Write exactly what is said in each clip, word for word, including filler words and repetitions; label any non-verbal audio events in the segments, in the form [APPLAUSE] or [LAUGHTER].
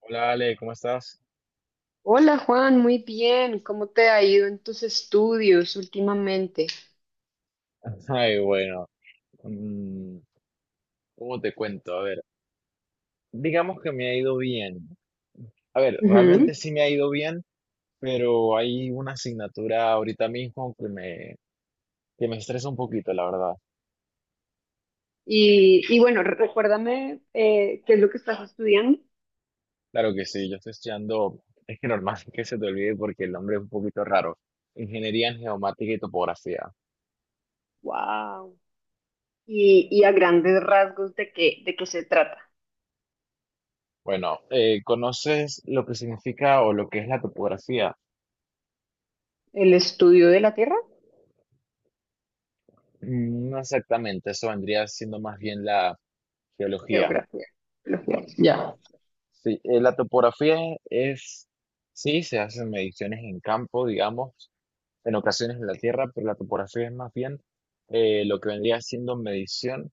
Hola Ale, ¿cómo estás? Hola Juan, muy bien. ¿Cómo te ha ido en tus estudios últimamente? [LAUGHS] Ay, bueno, mm, ¿cómo te cuento? A ver, digamos que me ha ido bien. A ver, Ujú. realmente sí me ha ido bien, pero hay una asignatura ahorita mismo que me, que me estresa un poquito, la verdad. Y, y bueno, re- recuérdame eh, qué es lo que estás estudiando. Claro que sí, yo estoy estudiando, es que normal [LAUGHS] que se te olvide porque el nombre es un poquito raro. Ingeniería en Geomática y Topografía. Wow. Y, y a grandes rasgos de qué, de qué se trata. Bueno, eh, ¿conoces lo que significa o lo que es la topografía? El estudio de la Tierra, Mm, no exactamente, eso vendría siendo más bien la geología. geografía. Geología. Ya. Sí, eh, la topografía es, sí, se hacen mediciones en campo, digamos, en ocasiones en la tierra, pero la topografía es más bien eh, lo que vendría siendo medición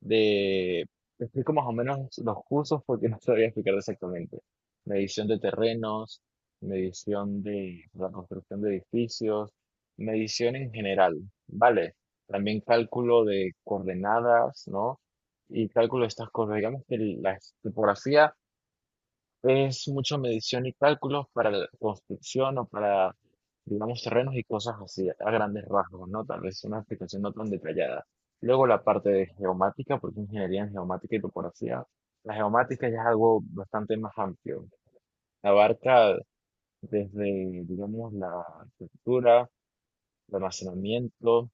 de, te explico más o menos los cursos porque [LAUGHS] no sabría explicar exactamente. Medición de terrenos, medición de la construcción de edificios, medición en general, ¿vale? También cálculo de coordenadas, ¿no? Y cálculo de estas cosas. Digamos que la topografía es mucha medición y cálculos para la construcción o para, digamos, terrenos y cosas así, a grandes rasgos, ¿no? Tal vez una explicación no tan detallada. Luego la parte de geomática, porque ingeniería en geomática y topografía. La geomática ya es algo bastante más amplio. Abarca desde, digamos, la estructura, el almacenamiento,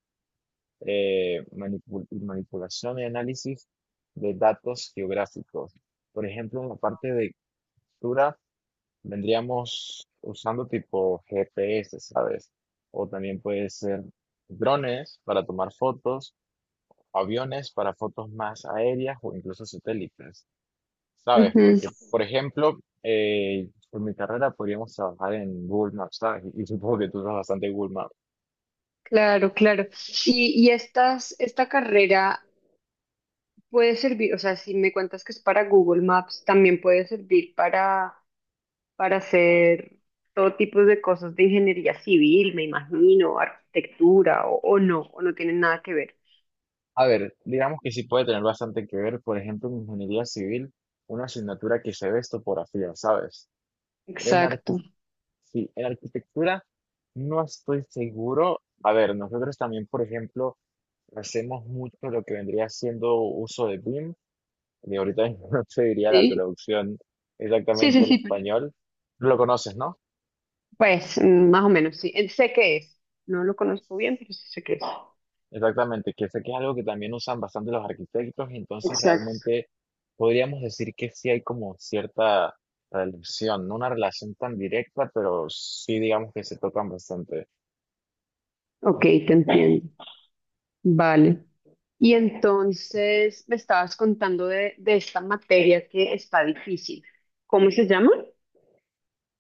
eh, manipu- manipulación y análisis de datos geográficos. Por ejemplo, en la parte de estructura, vendríamos usando tipo G P S, ¿sabes? O también puede ser drones para tomar fotos, aviones para fotos más aéreas o incluso satélites, ¿sabes? Porque, Ujú. por ejemplo, eh, por mi carrera podríamos trabajar en Google Maps, ¿sabes? Y supongo que tú usas bastante Google Maps. Claro, claro. Y, y estas, esta carrera puede servir, o sea, si me cuentas que es para Google Maps, también puede servir para para hacer todo tipo de cosas de ingeniería civil, me imagino, arquitectura o, o no, o no tienen nada que ver. A ver, digamos que sí puede tener bastante que ver, por ejemplo, en ingeniería civil, una asignatura que se ve topografía, ¿sabes? En Exacto. Sí, en arquitectura no estoy seguro. A ver, nosotros también, por ejemplo, hacemos mucho lo que vendría siendo uso de BIM. Y ahorita mismo [LAUGHS] no te diría la Sí, traducción sí, sí, exactamente al sí. español. Lo conoces, ¿no? Pues mm, más o menos, sí. Eh, Sé qué es. No lo conozco bien, pero sí sé qué es. Exactamente, que sé que es algo que también usan bastante los arquitectos, y entonces Exacto. realmente podríamos decir que sí hay como cierta relación, no una relación tan directa, pero sí digamos que se tocan bastante. Ok, te entiendo. Vale. Y entonces me estabas contando de, de esta materia que está difícil. ¿Cómo se llama?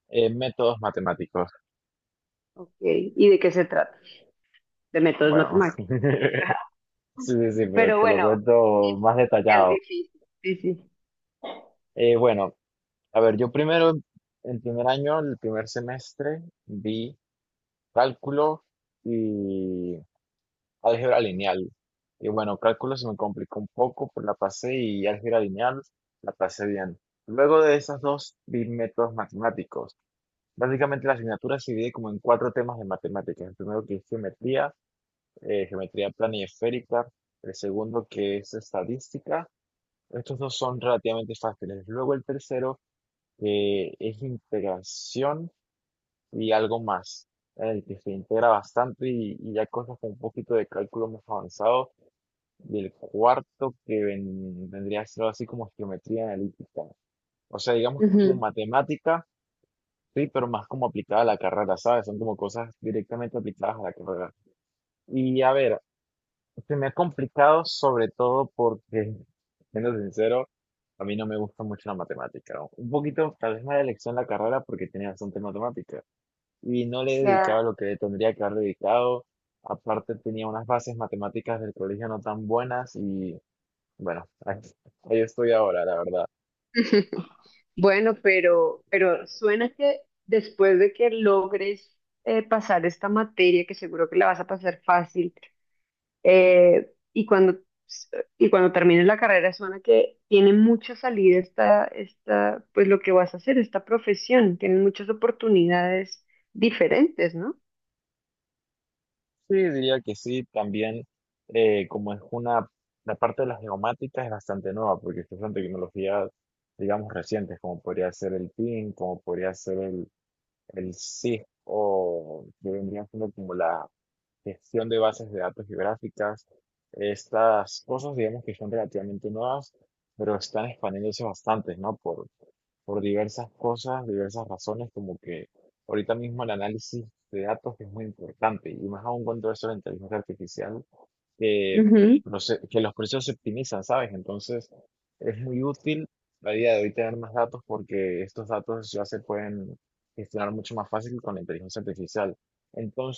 Eh, métodos matemáticos, Ok, ¿y de qué se trata? De métodos bueno. matemáticos. [LAUGHS] Sí, sí, sí, [LAUGHS] pero Pero te lo bueno, cuento más porque es detallado. difícil. Sí, sí. Eh, bueno, a ver, yo primero, en primer año, el primer semestre, vi cálculo y álgebra lineal. Y bueno, cálculo se me complicó un poco, pues la pasé y álgebra lineal la pasé bien. Luego de esas dos, vi métodos matemáticos. Básicamente la asignatura se divide como en cuatro temas de matemáticas. El primero que es geometría, eh, geometría plana y esférica. El segundo que es estadística. Estos dos son relativamente fáciles. Luego el tercero, que es integración y algo más, en el que se integra bastante y, y ya cosas con un poquito de cálculo más avanzado. Y el cuarto, que ven- vendría a ser algo así como geometría analítica. O sea, digamos que es como Ujú. matemática, sí, pero más como aplicada a la carrera, ¿sabes? Son como cosas directamente aplicadas a la carrera. Y a ver, se me ha complicado sobre todo porque, siendo sincero, a mí no me gusta mucho la matemática. Un poquito, tal vez mala elección la carrera porque tenía bastante matemática y no le dedicaba Ya. lo que tendría que haber dedicado. Aparte tenía unas bases matemáticas del colegio no tan buenas y bueno, [LAUGHS] ahí, ahí estoy ahora, la verdad. Bueno, pero, pero suena que después de que logres eh, pasar esta materia, que seguro que la vas a pasar fácil, eh, y cuando, y cuando termines la carrera, suena que tiene mucha salida esta, esta, pues lo que vas a hacer, esta profesión, tiene muchas oportunidades diferentes, ¿no? Sí, diría que sí, también eh, como es una, la parte de las geomáticas es bastante nueva porque estas son tecnologías, digamos, recientes, como podría ser el PIN, como podría ser el el SIG, o que vendría siendo como la gestión de bases de datos geográficas. Estas cosas, digamos que son relativamente nuevas, pero están expandiéndose bastante, ¿no? Por, por diversas cosas, diversas razones, como que ahorita mismo el análisis de datos es muy importante, y más aún cuando eso de la inteligencia artificial que, Ujú, proce- que los procesos se optimizan, ¿sabes? Entonces, es muy útil la idea de hoy tener más datos porque estos datos ya se pueden gestionar mucho más fácil con la inteligencia artificial.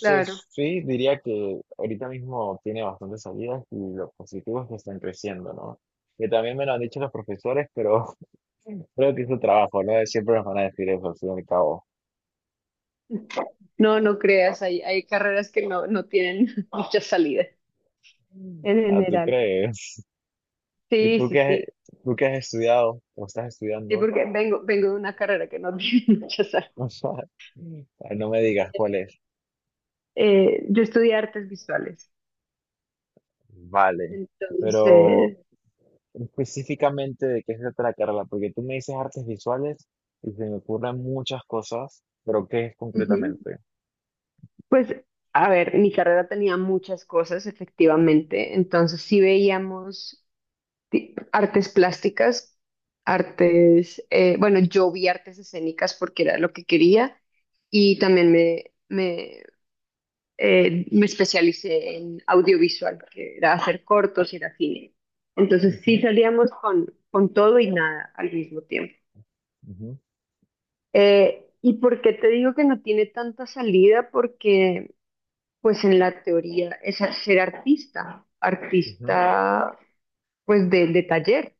claro. sí, diría que ahorita mismo tiene bastantes salidas y lo positivo es que están creciendo, ¿no? Que también me lo han dicho los profesores, pero [LAUGHS] creo que es su trabajo, ¿no? Siempre nos van a decir eso, al fin y al cabo. No, no creas, hay, hay carreras que no, no tienen [LAUGHS] mucha salida en Ah, ¿tú general. crees? [LAUGHS] ¿Y Sí, tú sí, qué, sí. tú qué has estudiado o estás Sí, estudiando? porque vengo, vengo de una carrera que no tiene [LAUGHS] muchas artes. [LAUGHS] Ay, no me digas cuál es. Eh, yo estudié artes visuales, Vale. Pero entonces, específicamente de qué se trata la carrera, porque tú me dices artes visuales y se me ocurren muchas cosas, pero ¿qué es ujú, concretamente? pues, a ver, mi carrera tenía muchas cosas, efectivamente, entonces sí veíamos ti- artes plásticas, artes, eh, bueno, yo vi artes escénicas porque era lo que quería y también me, eh, me especialicé en audiovisual, que era hacer cortos y era cine. Entonces sí Ujú, salíamos con, con todo y nada al mismo tiempo. ujú, Eh, ¿y por qué te digo que no tiene tanta salida? Porque pues en la teoría es a- ser artista, ujú, artista pues de, de taller.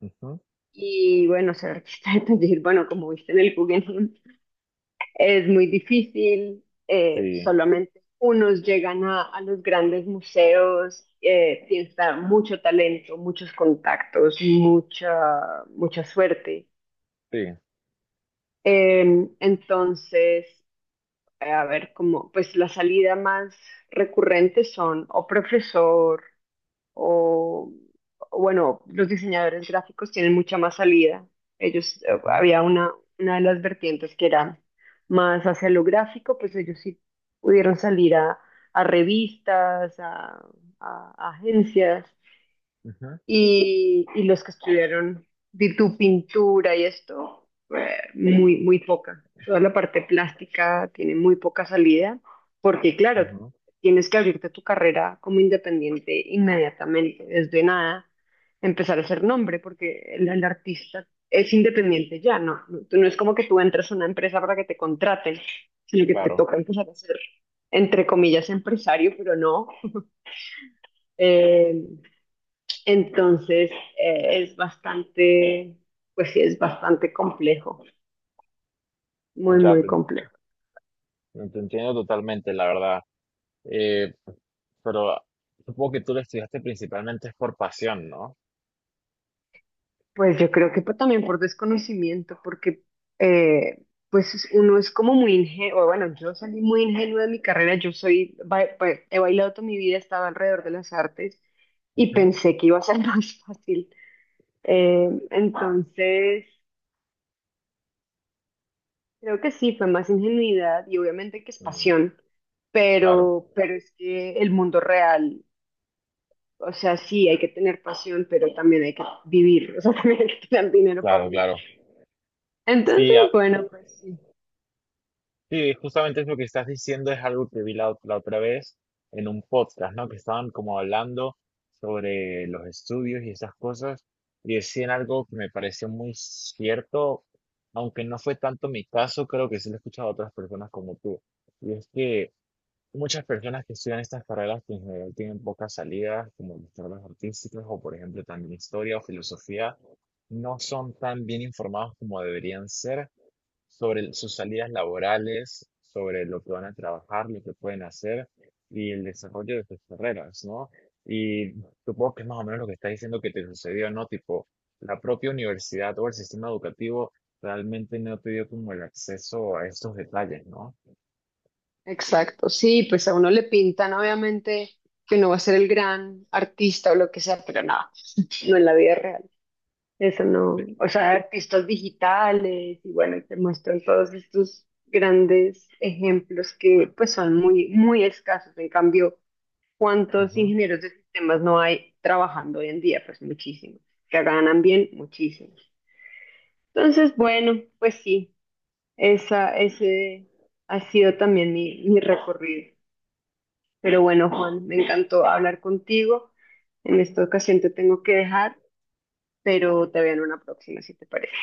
ujú. Y bueno, ser artista de taller, bueno, como viste en el Guggenheim, es muy difícil, eh, Sí, solamente unos llegan a, a los grandes museos, eh, tienes que dar mucho talento, muchos contactos, mucha, mucha suerte. sí. Eh, entonces, eh, a ver, como, pues la salida más recurrente son o profesor o o bueno, los diseñadores gráficos tienen mucha más salida. Ellos, eh, Ujú, había una, una de las vertientes que era más hacia lo gráfico, pues ellos sí pudieron salir a, a revistas, a, a- a agencias, ujú, y, y los que estudiaron de tu pintura y esto, eh, muy, muy poca. Toda la parte plástica tiene muy poca salida, porque claro, ujú. tienes que abrirte tu carrera como independiente inmediatamente, desde nada, empezar a hacer nombre, porque el, el artista es independiente ya, no, no, tú no es como que tú entres a una empresa para que te contraten, sino que te Claro, toca empezar a ser, entre comillas, empresario, pero no. Eh, entonces, eh, es bastante, pues sí, es bastante complejo, muy, ya muy te, complejo. en- te entiendo totalmente, la verdad. Eh, pero supongo que tú lo estudiaste principalmente es por pasión, ¿no? Pues yo creo que pa- también por desconocimiento, porque eh, pues es- uno es como muy ingenuo, bueno, yo salí muy ingenua de mi carrera, yo soy, ba- ba- he bailado toda mi vida, estaba alrededor de las artes y Ujú. pensé que iba a ser [LAUGHS] más fácil. Eh, entonces, Creo que sí, fue más ingenuidad y obviamente que es Mm, pasión, claro, pero, pero es que el mundo real. O sea, sí, hay que tener pasión, pero también hay que vivir, o sea, [LAUGHS] también hay que tener dinero para claro, vivir. claro. Entonces, Sí, bueno, pues sí, sí, justamente es lo que estás diciendo, es algo que vi la, ot- la otra vez en un podcast, ¿no? Que estaban como hablando sobre los estudios y esas cosas, y decían algo que me pareció muy cierto, aunque no fue tanto mi caso, creo que sí lo he escuchado a otras personas como tú. Y es que muchas personas que estudian estas carreras que en general tienen pocas salidas, como las carreras artísticas o por ejemplo también historia o filosofía, no son tan bien informados como deberían ser sobre el- sus salidas laborales, sobre lo que van a trabajar, lo que pueden hacer y el desarrollo de sus carreras, ¿no? Y supongo que es más o menos lo que estás diciendo que te sucedió, ¿no? Tipo, la propia universidad o el sistema educativo realmente no te dio como el acceso a estos detalles, ¿no? exacto, sí, pues a uno le pintan obviamente que uno va a ser el gran artista o lo que sea, pero nada, no [LAUGHS] no en la vida real. Eso Sí. no, o sea, artistas digitales y bueno, y te muestran todos estos grandes ejemplos que pues son muy, muy escasos. En cambio, ¿cuántos Ujú. ingenieros de sistemas no hay trabajando hoy en día? Pues muchísimos. Que ganan bien, muchísimos. Entonces, bueno, pues sí, esa, ese ha sido también mi, mi recorrido. Pero bueno, Juan, me encantó hablar contigo. En esta ocasión te tengo que dejar, pero te veo en una próxima, si te parece.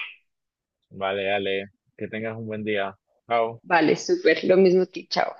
Vale, dale, que tengas un buen día. Chao. Vale, súper. Lo mismo a ti, chao.